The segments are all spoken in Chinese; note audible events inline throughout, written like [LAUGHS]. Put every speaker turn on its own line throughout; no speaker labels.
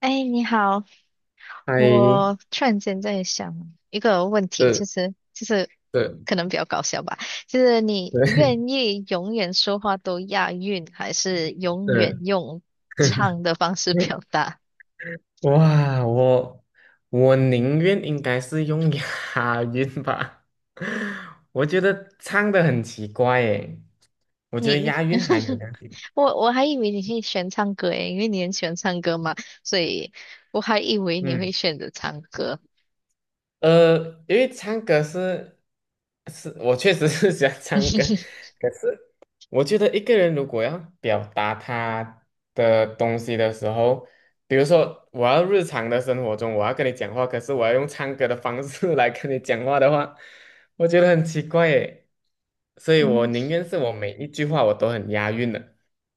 哎，你好，我
嗨，
突然间在想一个问题，就
对
是就是
对
可能比较搞笑吧，就是你
对
愿意永远说话都押韵，还是永远
对，
用唱的方式
[LAUGHS]
表达？
哇，我宁愿应该是用押韵吧，[LAUGHS] 我觉得唱的很奇怪诶，我觉
你
得
你，
押韵还没有
[LAUGHS]
关系。
我还以为你是喜欢唱歌诶，因为你很喜欢唱歌嘛，所以我还以为你会
嗯，
选择唱歌。
呃，因为唱歌是，我确实是喜欢唱歌，
[LAUGHS]
可是我觉得一个人如果要表达他的东西的时候，比如说我要日常的生活中我要跟你讲话，可是我要用唱歌的方式 [LAUGHS] 来跟你讲话的话，我觉得很奇怪耶。所以我
嗯，
宁愿是我每一句话我都很押韵的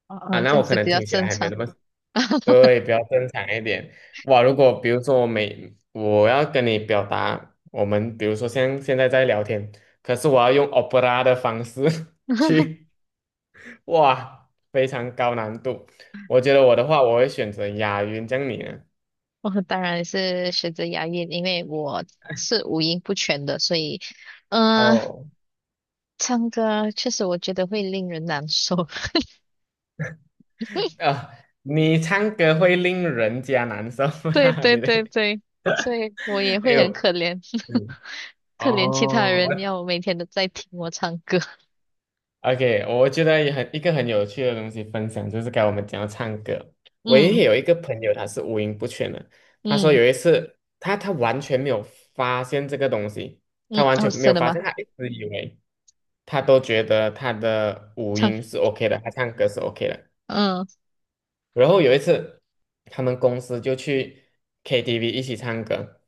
哦
啊，
哦，
那
这样
我可
子
能
比较
听起来
正
还没
常。
那么
[LAUGHS]
对，比较正常一点。哇，如果比如说我要跟你表达，我们比如说像现在在聊天，可是我要用 opera 的方式 [LAUGHS] 去，哇，非常高难度。我觉得我的话，我会选择押韵，这样你呢？
[LAUGHS] 我当然是选择押韵，因为我是五音不全的，所以，嗯，
哦，
唱歌确实我觉得会令人难受。[LAUGHS]
啊，你唱歌会令人家难受
对
吗？[LAUGHS]
对
你的，
对对，所以我也
哎
会很
呦，
可怜，
嗯，
[LAUGHS] 可怜其他
哦，
人要每天都在听我唱歌。[LAUGHS]
OK,我觉得也很一个很有趣的东西分享，就是该我们讲到唱歌。我也
嗯
有一个朋友，他是五音不全的。他说
嗯
有一次，他完全没有发现这个东西，他
嗯，
完
哦，
全没有
真的
发
吗？
现，他一直以为他都觉得他的五
唱，
音是 OK 的，他唱歌是 OK 的。
嗯，[LAUGHS]
然后有一次，他们公司就去 KTV 一起唱歌，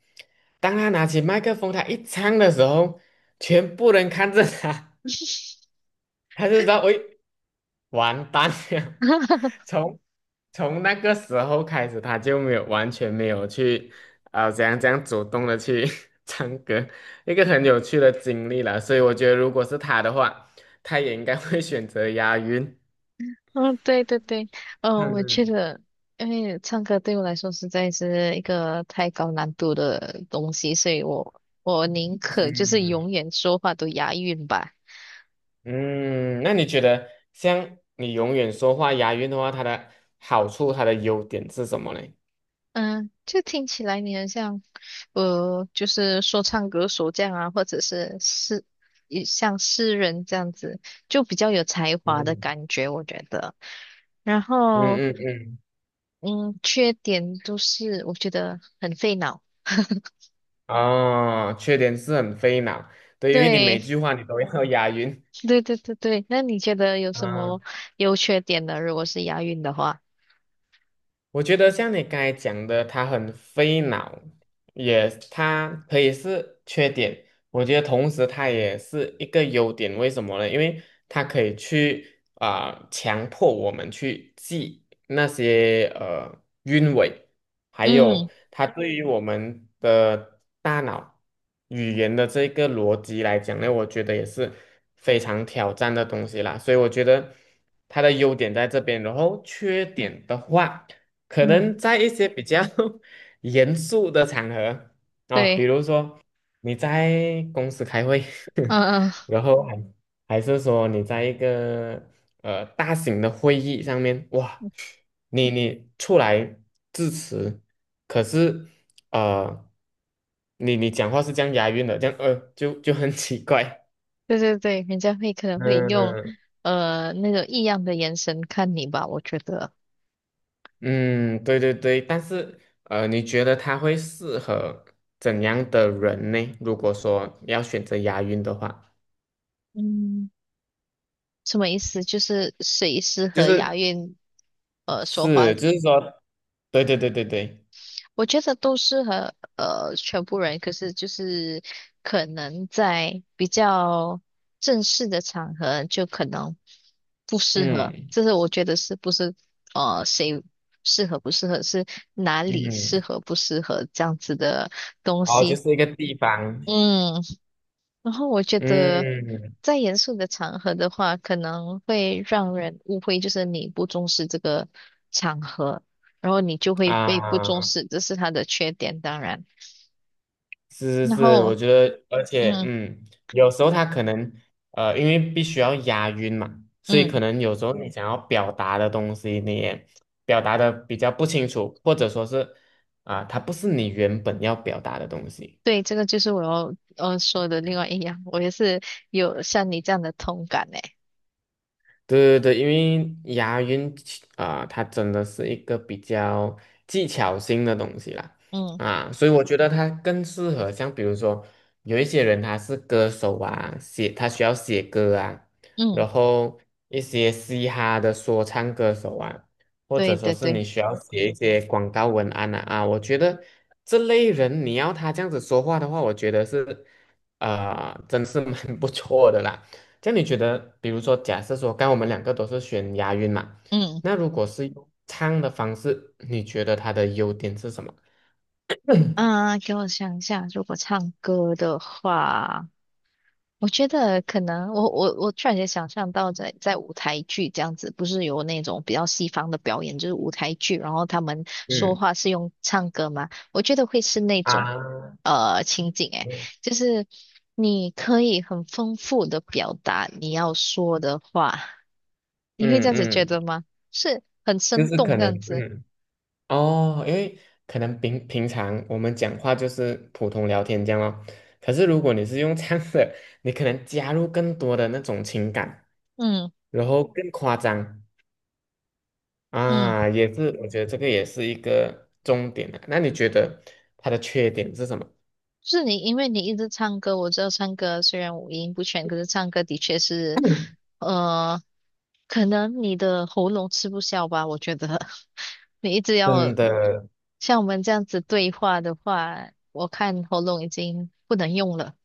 当他拿起麦克风，他一唱的时候，全部人看着他，[LAUGHS] 他就知道，喂。完蛋了。[LAUGHS]
哈哈。
从从那个时候开始，他就没有完全没有去怎样怎样主动的去 [LAUGHS] 唱歌，一个很有趣的经历了。所以我觉得，如果是他的话，他也应该会选择押韵。
嗯，对对对，嗯，我觉
嗯
得，因为唱歌对我来说实在是一个太高难度的东西，所以我宁可就是
嗯
永远说话都押韵吧。
嗯，那你觉得像你永远说话押韵的话，它的好处、它的优点是什么呢？
嗯，就听起来你很像，就是说唱歌手这样啊，或者是诗，也像诗人这样子，就比较有才华的
嗯
感觉，我觉得。然
嗯
后，
嗯嗯，
嗯，缺点就是我觉得很费脑。[LAUGHS]
哦，缺点是很费脑，对，因为你每
对，
句话你都要押韵。
对对对对，那你觉得有什么
啊，
优缺点呢？如果是押韵的话，
我觉得像你刚才讲的，它很费脑，也它可以是缺点。我觉得同时它也是一个优点，为什么呢？因为它可以去啊、强迫我们去记那些韵尾，还
嗯
有它对于我们的大脑语言的这个逻辑来讲呢，我觉得也是非常挑战的东西啦。所以我觉得它的优点在这边，然后缺点的话。可
嗯，
能在一些比较 [LAUGHS] 严肃的场合啊，
对，
比如说你在公司开会，
嗯嗯，
[LAUGHS] 然后还是说你在一个大型的会议上面，哇，你出来致辞，可是呃你讲话是这样押韵的，这样就很奇怪，
对对对，人家会可能会用
嗯
那种异样的眼神看你吧，我觉得，
嗯，对对对，但是你觉得他会适合怎样的人呢？如果说要选择押韵的话，
嗯，什么意思？就是谁适
就
合
是
押韵说话
是，就是说，对对对对对，
我觉得都适合全部人，可是就是可能在比较正式的场合就可能不适合。
嗯
这是我觉得是不是谁适合不适合，是哪里适
嗯，
合不适合这样子的东
哦，就
西。
是一个地方，
嗯，然后我觉得
嗯
在严肃的场合的话，可能会让人误会，就是你不重视这个场合。然后你就会被不重
啊。
视，这是它的缺点，当然。
是是
然
是，
后，
我觉得，而且，
嗯
嗯，有时候他可能，因为必须要押韵嘛，所以可
嗯，
能有时候你想要表达的东西，你也表达的比较不清楚，或者说是，啊、它不是你原本要表达的东西。
对，这个就是我要说的另外一样，我也是有像你这样的同感诶。
对对对，因为押韵其啊、它真的是一个比较技巧性的东西啦，
嗯
啊，所以我觉得它更适合像比如说有一些人他是歌手啊，他需要写歌啊，
嗯，
然后一些嘻哈的说唱歌手啊，或者
对
说
对
是
对，
你需要写一些广告文案啊，啊，我觉得这类人你要他这样子说话的话，我觉得是啊，真是蛮不错的啦。这样你觉得，比如说，假设说，刚刚我们两个都是选押韵嘛，
嗯
那如果是用唱的方式，你觉得它的优点是什么？
啊，给我想一下，如果唱歌的话。我觉得可能，我突然间想象到在舞台剧这样子，不是有那种比较西方的表演，就是舞台剧，然后他们说
嗯
话是用唱歌嘛？我觉得会是那种
啊，
情景，诶，就是你可以很丰富的表达你要说的话，你会
嗯
这样子觉
嗯，
得吗？是很
就
生
是可
动这
能，
样子，
嗯哦，因为可能平平常我们讲话就是普通聊天这样哦，可是如果你是用唱的，你可能加入更多的那种情感，
嗯
然后更夸张
嗯。
啊，也是，我觉得这个也是一个重点的。那你觉得它的缺点是什么？
是你，因为你一直唱歌，我知道唱歌虽然五音不全，可是唱歌的确是，呃，可能你的喉咙吃不消吧，我觉得 [LAUGHS] 你一直要
真的
像我们这样子对话的话，我看喉咙已经不能用了。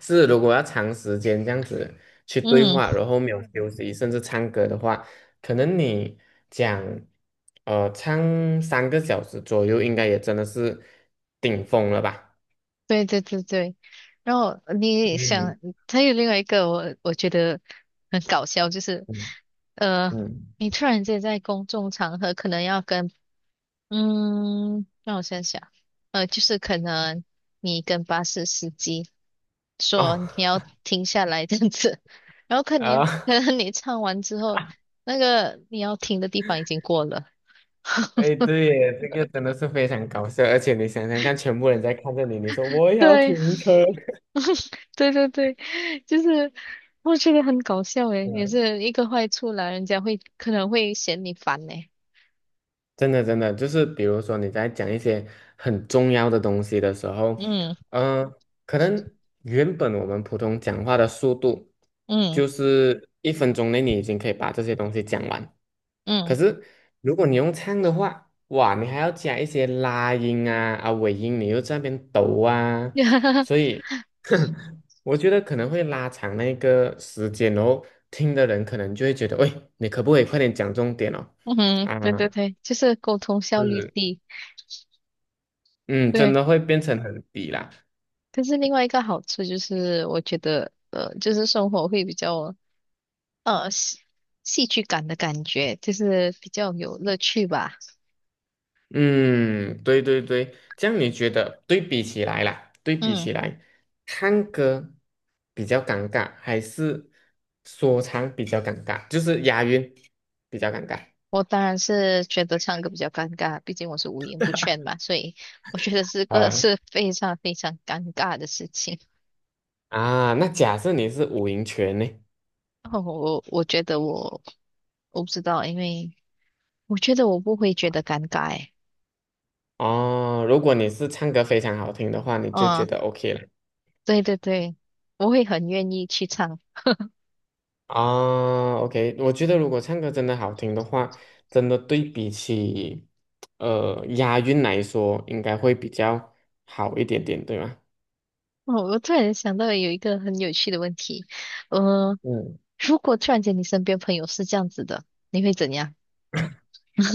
是，如果要长时间这样子去对
嗯，
话，然后没有休息，甚至唱歌的话，可能你讲，唱3个小时左右，应该也真的是顶峰了吧？
对对对对，然后你
嗯
想，还有另外一个我觉得很搞笑，就是，
嗯
呃，
嗯，
你突然间在公众场合可能要跟嗯，让我想想，就是可能你跟巴士司机说
哦
你要停下来这样子，然后
[LAUGHS]
可能
啊，
可能你唱完之后，那个你要停的地方已经过了。
哎，对耶，这个真的是非常搞笑，而且你想想看，全部人在看着你，你说我也要
对，
停车，[LAUGHS]
[LAUGHS] 对对对，就是我觉得很搞笑诶，也是一个坏处啦，人家会可能会嫌你烦呢。
真的，真的，就是比如说你在讲一些很重要的东西的时候，
嗯
呃，可能原本我们普通讲话的速度
嗯
就是1分钟内你已经可以把这些东西讲完，可
嗯
是如果你用唱的话，哇，你还要加一些拉音啊啊尾音，你又在那边抖啊，
嗯，[LAUGHS]
所以 [LAUGHS] 我觉得可能会拉长那个时间，哦。听的人可能就会觉得，喂，你可不可以快点讲重点哦？
嗯，对
啊，
对对，就是沟通效率
是。
低。
嗯，真
对。
的会变成很低啦。
可是另外一个好处就是，我觉得就是生活会比较呃戏戏剧感的感觉，就是比较有乐趣吧。
嗯，对对对，这样你觉得对比起来啦，对比
嗯，
起来，唱歌比较尴尬，还是说唱比较尴尬？就是押韵比较尴尬
我当然是觉得唱歌比较尴尬，毕竟我是五音不全嘛，所以我觉得这个
啊，
是非常非常尴尬的事情。
啊。那假设你是五音全呢？
哦，我觉得我不知道，因为我觉得我不会觉得尴尬欸。
哦，如果你是唱歌非常好听的话，你就觉
嗯，
得 OK 了。
对对对，我会很愿意去唱。
啊，OK,我觉得如果唱歌真的好听的话，真的对比起押韵来说，应该会比较好一点点，对吗？
哦，我突然想到有一个很有趣的问题，呃，
嗯，
如果突然间你身边朋友是这样子的，你会怎样？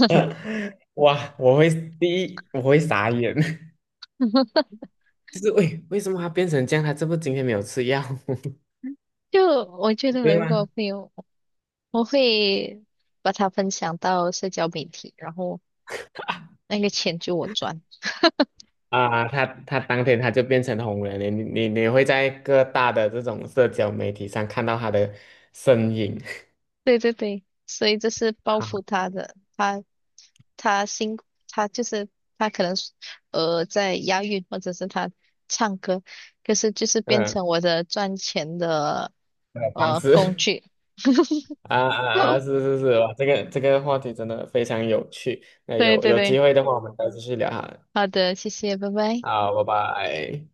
[LAUGHS] 哇，我会第一，我会傻眼，[LAUGHS]
[LAUGHS]
就是为什么他变成这样？他这不今天没有吃药 [LAUGHS]
就我觉
对
得，如果
吗？
朋友，我会把它分享到社交媒体，然后那个钱就我赚。
啊？他当天他就变成红人了，你会在各大的这种社交媒体上看到他的身影，
对对对，所以这是
[LAUGHS]
报
好，
复他的，他他辛苦他就是他可能是在押韵或者是他唱歌，可是就是变
嗯，
成我的赚钱的
方
工
式。
具。
啊啊啊！是
[LAUGHS]
是是，哇，这个话题真的非常有趣。那
对对
有
对，
机会的话，我们再继续聊哈。
好的，谢谢，拜拜。
好，拜拜。